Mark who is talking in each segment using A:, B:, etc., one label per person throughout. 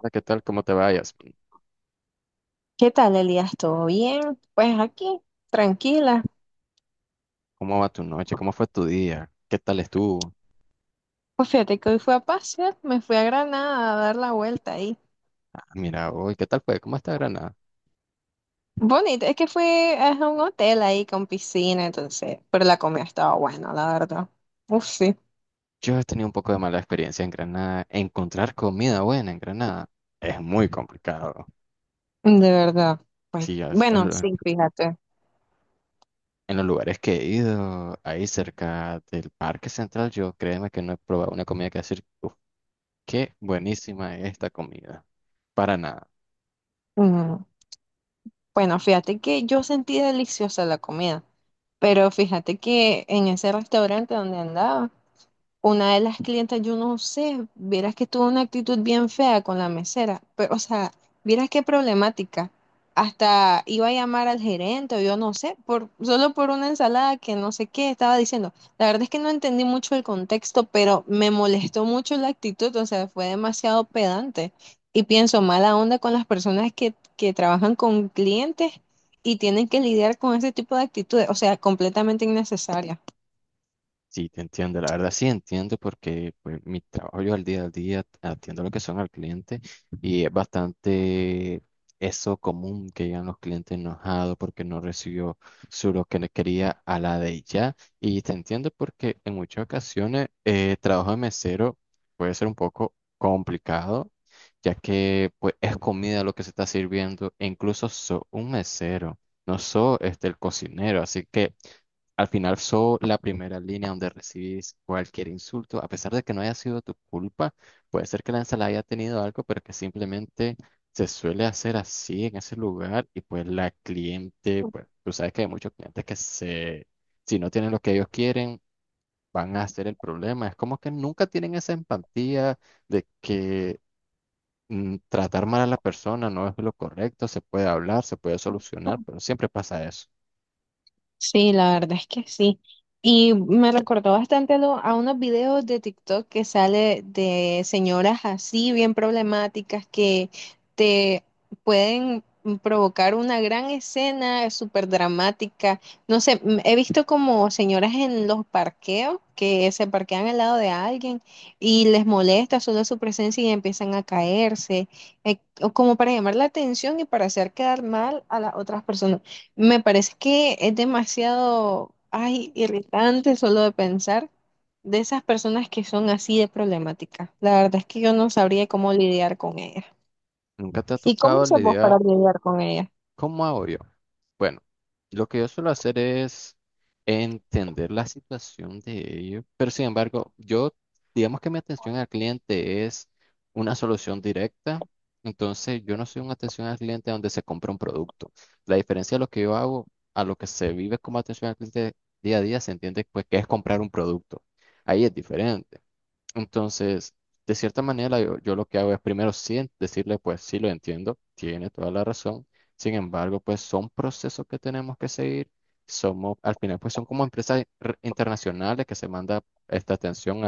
A: Hola, ¿qué tal? ¿Cómo te vayas?
B: ¿Qué tal, Elías? ¿Todo bien? Pues aquí, tranquila.
A: ¿Cómo va tu noche? ¿Cómo fue tu día? ¿Qué tal estuvo?
B: Pues fíjate que hoy fui a pasear, me fui a Granada a dar la vuelta ahí.
A: Ah, mira, hoy, ¿qué tal fue? ¿Cómo está Granada?
B: Bonito, es que fui a un hotel ahí con piscina, entonces, pero la comida estaba buena, la verdad. Uf, sí,
A: Yo he tenido un poco de mala experiencia en Granada. Encontrar comida buena en Granada es muy complicado.
B: de verdad. Pues,
A: Sí, ya es-
B: bueno,
A: en, lo-
B: sí, fíjate.
A: en los lugares que he ido, ahí cerca del Parque Central, yo créeme que no he probado una comida que decir, "Uf, qué buenísima es esta comida." Para nada.
B: Mm, bueno, fíjate que yo sentí deliciosa la comida, pero fíjate que en ese restaurante donde andaba, una de las clientas, yo no sé, vieras que tuvo una actitud bien fea con la mesera, pero, o sea, vieras qué problemática. Hasta iba a llamar al gerente o yo no sé, solo por una ensalada que no sé qué estaba diciendo. La verdad es que no entendí mucho el contexto, pero me molestó mucho la actitud, o sea, fue demasiado pedante. Y pienso mala onda con las personas que trabajan con clientes y tienen que lidiar con ese tipo de actitudes, o sea, completamente innecesaria.
A: Sí, te entiendo, la verdad sí entiendo porque pues mi trabajo yo al día atiendo lo que son al cliente y es bastante eso común que llegan los clientes enojados porque no recibió su lo que le quería a la de ya, y te entiendo porque en muchas ocasiones trabajo de mesero puede ser un poco complicado, ya que pues es comida lo que se está sirviendo e incluso soy un mesero, no soy este el cocinero, así que al final sos la primera línea donde recibís cualquier insulto, a pesar de que no haya sido tu culpa. Puede ser que la ensalada haya tenido algo, pero que simplemente se suele hacer así en ese lugar, y pues la cliente, pues tú sabes que hay muchos clientes que se, si no tienen lo que ellos quieren, van a hacer el problema. Es como que nunca tienen esa empatía de que tratar mal a la persona no es lo correcto, se puede hablar, se puede solucionar, pero siempre pasa eso.
B: Sí, la verdad es que sí. Y me recordó bastante a, a unos videos de TikTok que sale de señoras así bien problemáticas que te pueden provocar una gran escena súper dramática. No sé, he visto como señoras en los parqueos que se parquean al lado de alguien y les molesta solo su presencia y empiezan a caerse, o como para llamar la atención y para hacer quedar mal a las otras personas. Me parece que es demasiado, ay, irritante solo de pensar de esas personas que son así de problemáticas. La verdad es que yo no sabría cómo lidiar con ellas.
A: ¿Nunca te ha
B: ¿Y cómo
A: tocado
B: se vos para
A: lidiar?
B: lidiar con ellas?
A: ¿Cómo hago yo? Bueno, lo que yo suelo hacer es entender la situación de ellos, pero sin embargo, yo, digamos que mi atención al cliente es una solución directa, entonces yo no soy una atención al cliente donde se compra un producto. La diferencia de lo que yo hago a lo que se vive como atención al cliente día a día, se entiende pues que es comprar un producto. Ahí es diferente. Entonces, de cierta manera, yo lo que hago es primero sí en- decirle, pues sí lo entiendo, tiene toda la razón. Sin embargo, pues son procesos que tenemos que seguir. Somos, al final, pues son como empresas re- internacionales que se manda esta atención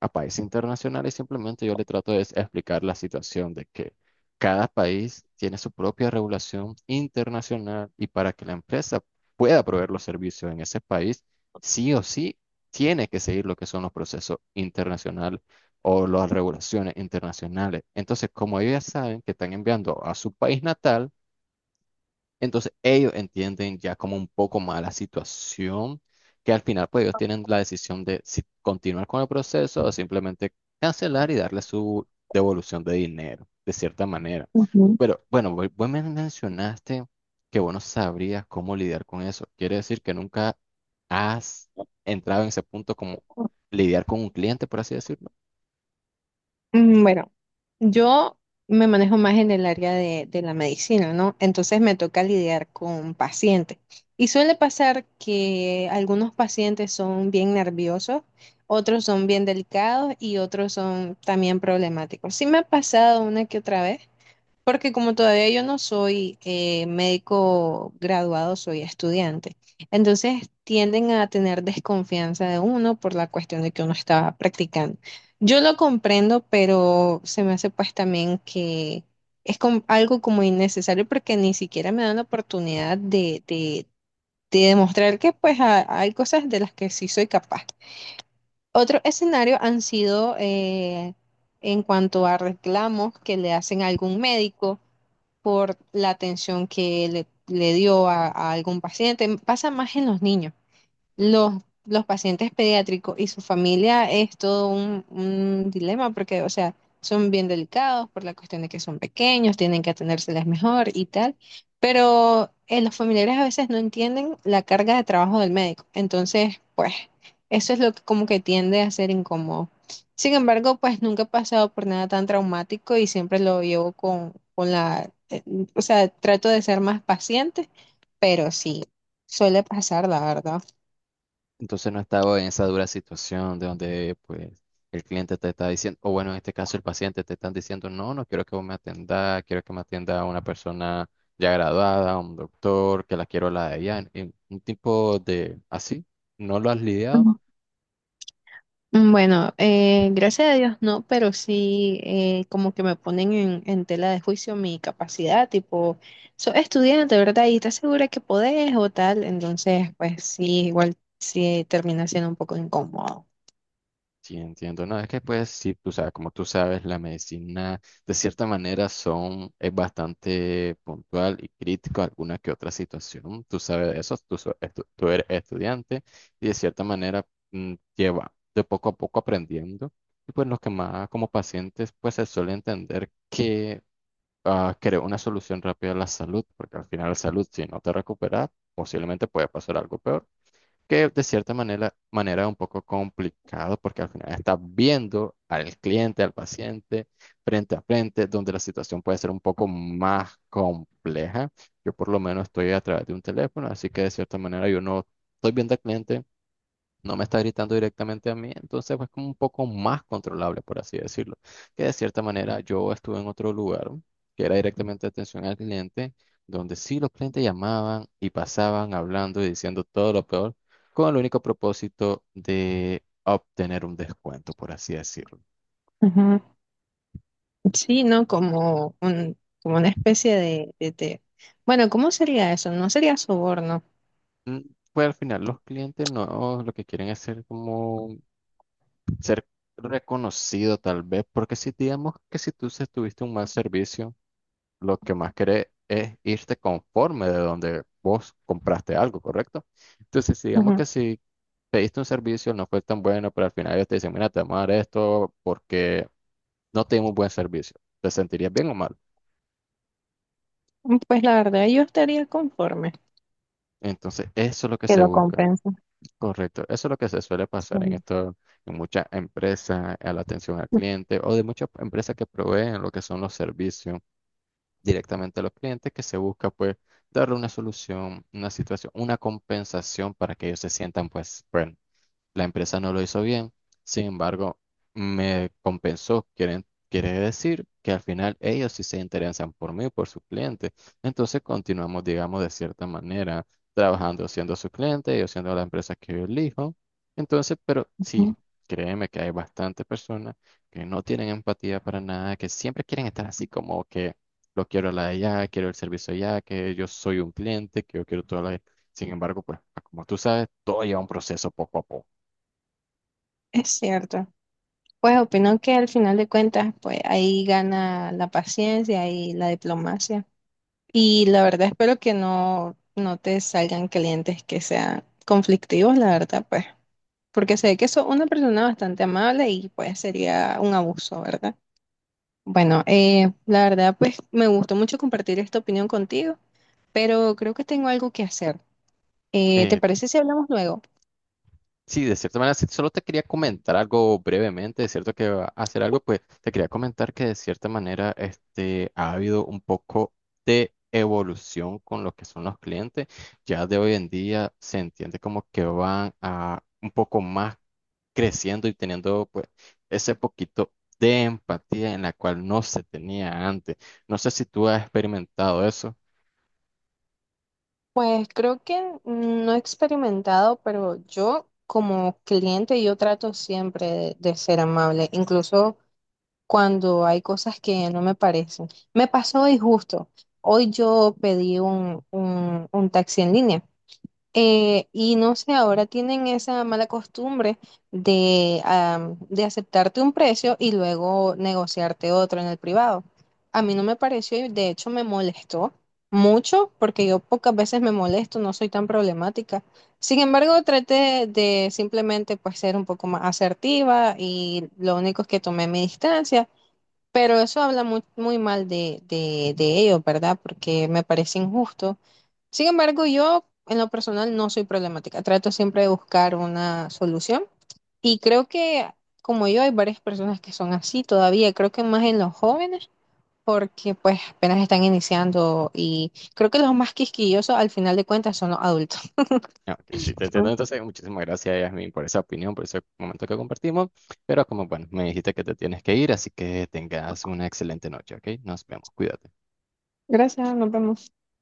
A: a países internacionales. Simplemente yo le trato de explicar la situación de que cada país tiene su propia regulación internacional, y para que la empresa pueda proveer los servicios en ese país, sí o sí tiene que seguir lo que son los procesos internacionales o las regulaciones internacionales. Entonces, como ellos ya saben que están enviando a su país natal, entonces ellos entienden ya como un poco más la situación, que al final pues ellos tienen la decisión de si continuar con el proceso o simplemente cancelar y darle su devolución de dinero, de cierta manera. Pero bueno, vos me mencionaste que vos no sabrías cómo lidiar con eso. Quiere decir que nunca has entrado en ese punto como lidiar con un cliente, por así decirlo.
B: Mm, bueno, yo me manejo más en el área de la medicina, ¿no? Entonces me toca lidiar con pacientes. Y suele pasar que algunos pacientes son bien nerviosos, otros son bien delicados y otros son también problemáticos. Sí me ha pasado una que otra vez, porque como todavía yo no soy médico graduado, soy estudiante. Entonces tienden a tener desconfianza de uno por la cuestión de que uno estaba practicando. Yo lo comprendo, pero se me hace pues también que es algo como innecesario porque ni siquiera me dan la oportunidad de demostrar que pues hay cosas de las que sí soy capaz. Otro escenario han sido en cuanto a reclamos que le hacen a algún médico por la atención que le dio a algún paciente. Pasa más en los niños. Los, los pacientes pediátricos y su familia es todo un dilema porque, o sea, son bien delicados por la cuestión de que son pequeños, tienen que atendérseles mejor y tal, pero los familiares a veces no entienden la carga de trabajo del médico. Entonces, pues, eso es lo que como que tiende a ser incómodo. Sin embargo, pues nunca he pasado por nada tan traumático y siempre lo llevo con la, o sea, trato de ser más paciente, pero sí, suele pasar, la verdad.
A: Entonces no estaba en esa dura situación de donde pues el cliente te está diciendo, o bueno, en este caso el paciente te están diciendo, no, no quiero que vos me atendas, quiero que me atienda una persona ya graduada, un doctor, que la quiero la de allá, en un tipo de así, ¿no lo has lidiado?
B: Mm, bueno, gracias a Dios no, pero sí como que me ponen en tela de juicio mi capacidad, tipo, sos estudiante, ¿verdad? Y estás segura que podés o tal, entonces pues sí, igual sí termina siendo un poco incómodo.
A: Sí, entiendo. No, es que pues sí, tú sabes, como tú sabes, la medicina de cierta manera son, es bastante puntual y crítico a alguna que otra situación. Tú sabes eso, tú, so- estu- tú eres estudiante y de cierta manera lleva de poco a poco aprendiendo. Y pues los que más como pacientes pues se suele entender que ah, crear una solución rápida a la salud, porque al final la salud, si no te recuperas, posiblemente puede pasar algo peor, que de cierta manera es un poco complicado porque al final estás viendo al cliente, al paciente, frente a frente, donde la situación puede ser un poco más compleja. Yo por lo menos estoy a través de un teléfono, así que de cierta manera yo no estoy viendo al cliente, no me está gritando directamente a mí, entonces pues como un poco más controlable, por así decirlo. Que de cierta manera yo estuve en otro lugar, que era directamente atención al cliente, donde sí los clientes llamaban y pasaban hablando y diciendo todo lo peor, con el único propósito de obtener un descuento, por así decirlo.
B: Ujú. Sí, ¿no? Como, como una especie de. Bueno, ¿cómo sería eso? No sería soborno.
A: Mm, Pues al final los clientes no lo que quieren es ser como ser reconocido tal vez, porque si digamos que si tú se- tuviste un mal servicio, lo que más querés es irte conforme de donde vos compraste algo, ¿correcto? Entonces, si digamos
B: Ujú.
A: que si pediste un servicio, no fue tan bueno, pero al final ellos te dicen, mira, te vamos a dar esto porque no te dimos buen servicio. ¿Te sentirías bien o mal?
B: Mm, pues la verdad yo estaría conforme,
A: Entonces, eso es lo que
B: que
A: se
B: lo
A: busca,
B: compensa.
A: correcto. Eso es lo que se suele pasar en
B: Ujú.
A: esto, en muchas empresas, a la atención al cliente o de muchas empresas que proveen lo que son los servicios directamente a los clientes, que se busca pues darle una solución, una situación, una compensación para que ellos se sientan pues, bueno, la empresa no lo hizo bien, sin embargo, me compensó. Quieren, quiere decir que al final ellos sí se interesan por mí, por su cliente. Entonces continuamos, digamos, de cierta manera, trabajando siendo su cliente, ellos siendo la empresa que yo elijo. Entonces, pero
B: Ujú.
A: sí, créeme que hay bastantes personas que no tienen empatía para nada, que siempre quieren estar así como que lo quiero la de allá, quiero el servicio allá, que yo soy un cliente, que yo quiero todo la... Sin embargo, pues, como tú sabes, todo lleva un proceso poco a poco.
B: Es cierto. Pues opino que al final de cuentas, pues ahí gana la paciencia y la diplomacia. Y la verdad espero que no, no te salgan clientes que sean conflictivos, la verdad, pues, porque sé que sos una persona bastante amable y pues sería un abuso, ¿verdad? Bueno, la verdad, pues me gustó mucho compartir esta opinión contigo, pero creo que tengo algo que hacer. ¿Te
A: Eh,
B: parece si hablamos luego?
A: sí, de cierta manera, sí, solo te quería comentar algo brevemente, de cierto que va a hacer algo, pues te quería comentar que de cierta manera este, ha habido un poco de evolución con lo que son los clientes. Ya de hoy en día se entiende como que van a un poco más creciendo y teniendo pues ese poquito de empatía en la cual no se tenía antes. No sé si tú has experimentado eso.
B: Pues creo que no he experimentado, pero yo como cliente yo trato siempre de ser amable, incluso cuando hay cosas que no me parecen. Me pasó hoy justo, hoy yo pedí un taxi en línea y no sé, ahora tienen esa mala costumbre de, am, de aceptarte un precio y luego negociarte otro en el privado. A mí no me pareció y de hecho me molestó mucho porque yo pocas veces me molesto, no soy tan problemática. Sin embargo, traté de simplemente pues ser un poco más asertiva y lo único es que tomé mi distancia, pero eso habla muy, muy mal de ellos, ¿verdad? Porque me parece injusto. Sin embargo, yo en lo personal no soy problemática. Trato siempre de buscar una solución. Y creo que, como yo, hay varias personas que son así todavía. Creo que más en los jóvenes, porque pues apenas están iniciando. Y creo que los más quisquillosos al final de cuentas son los adultos.
A: Ah, ok, sí, te entiendo.
B: Ah,
A: Entonces, muchísimas gracias, Yasmin, por esa opinión, por ese momento que compartimos. Pero como, bueno, me dijiste que te tienes que ir, así que tengas una excelente noche, ¿ok? Nos vemos, cuídate.
B: gracias, nos vemos.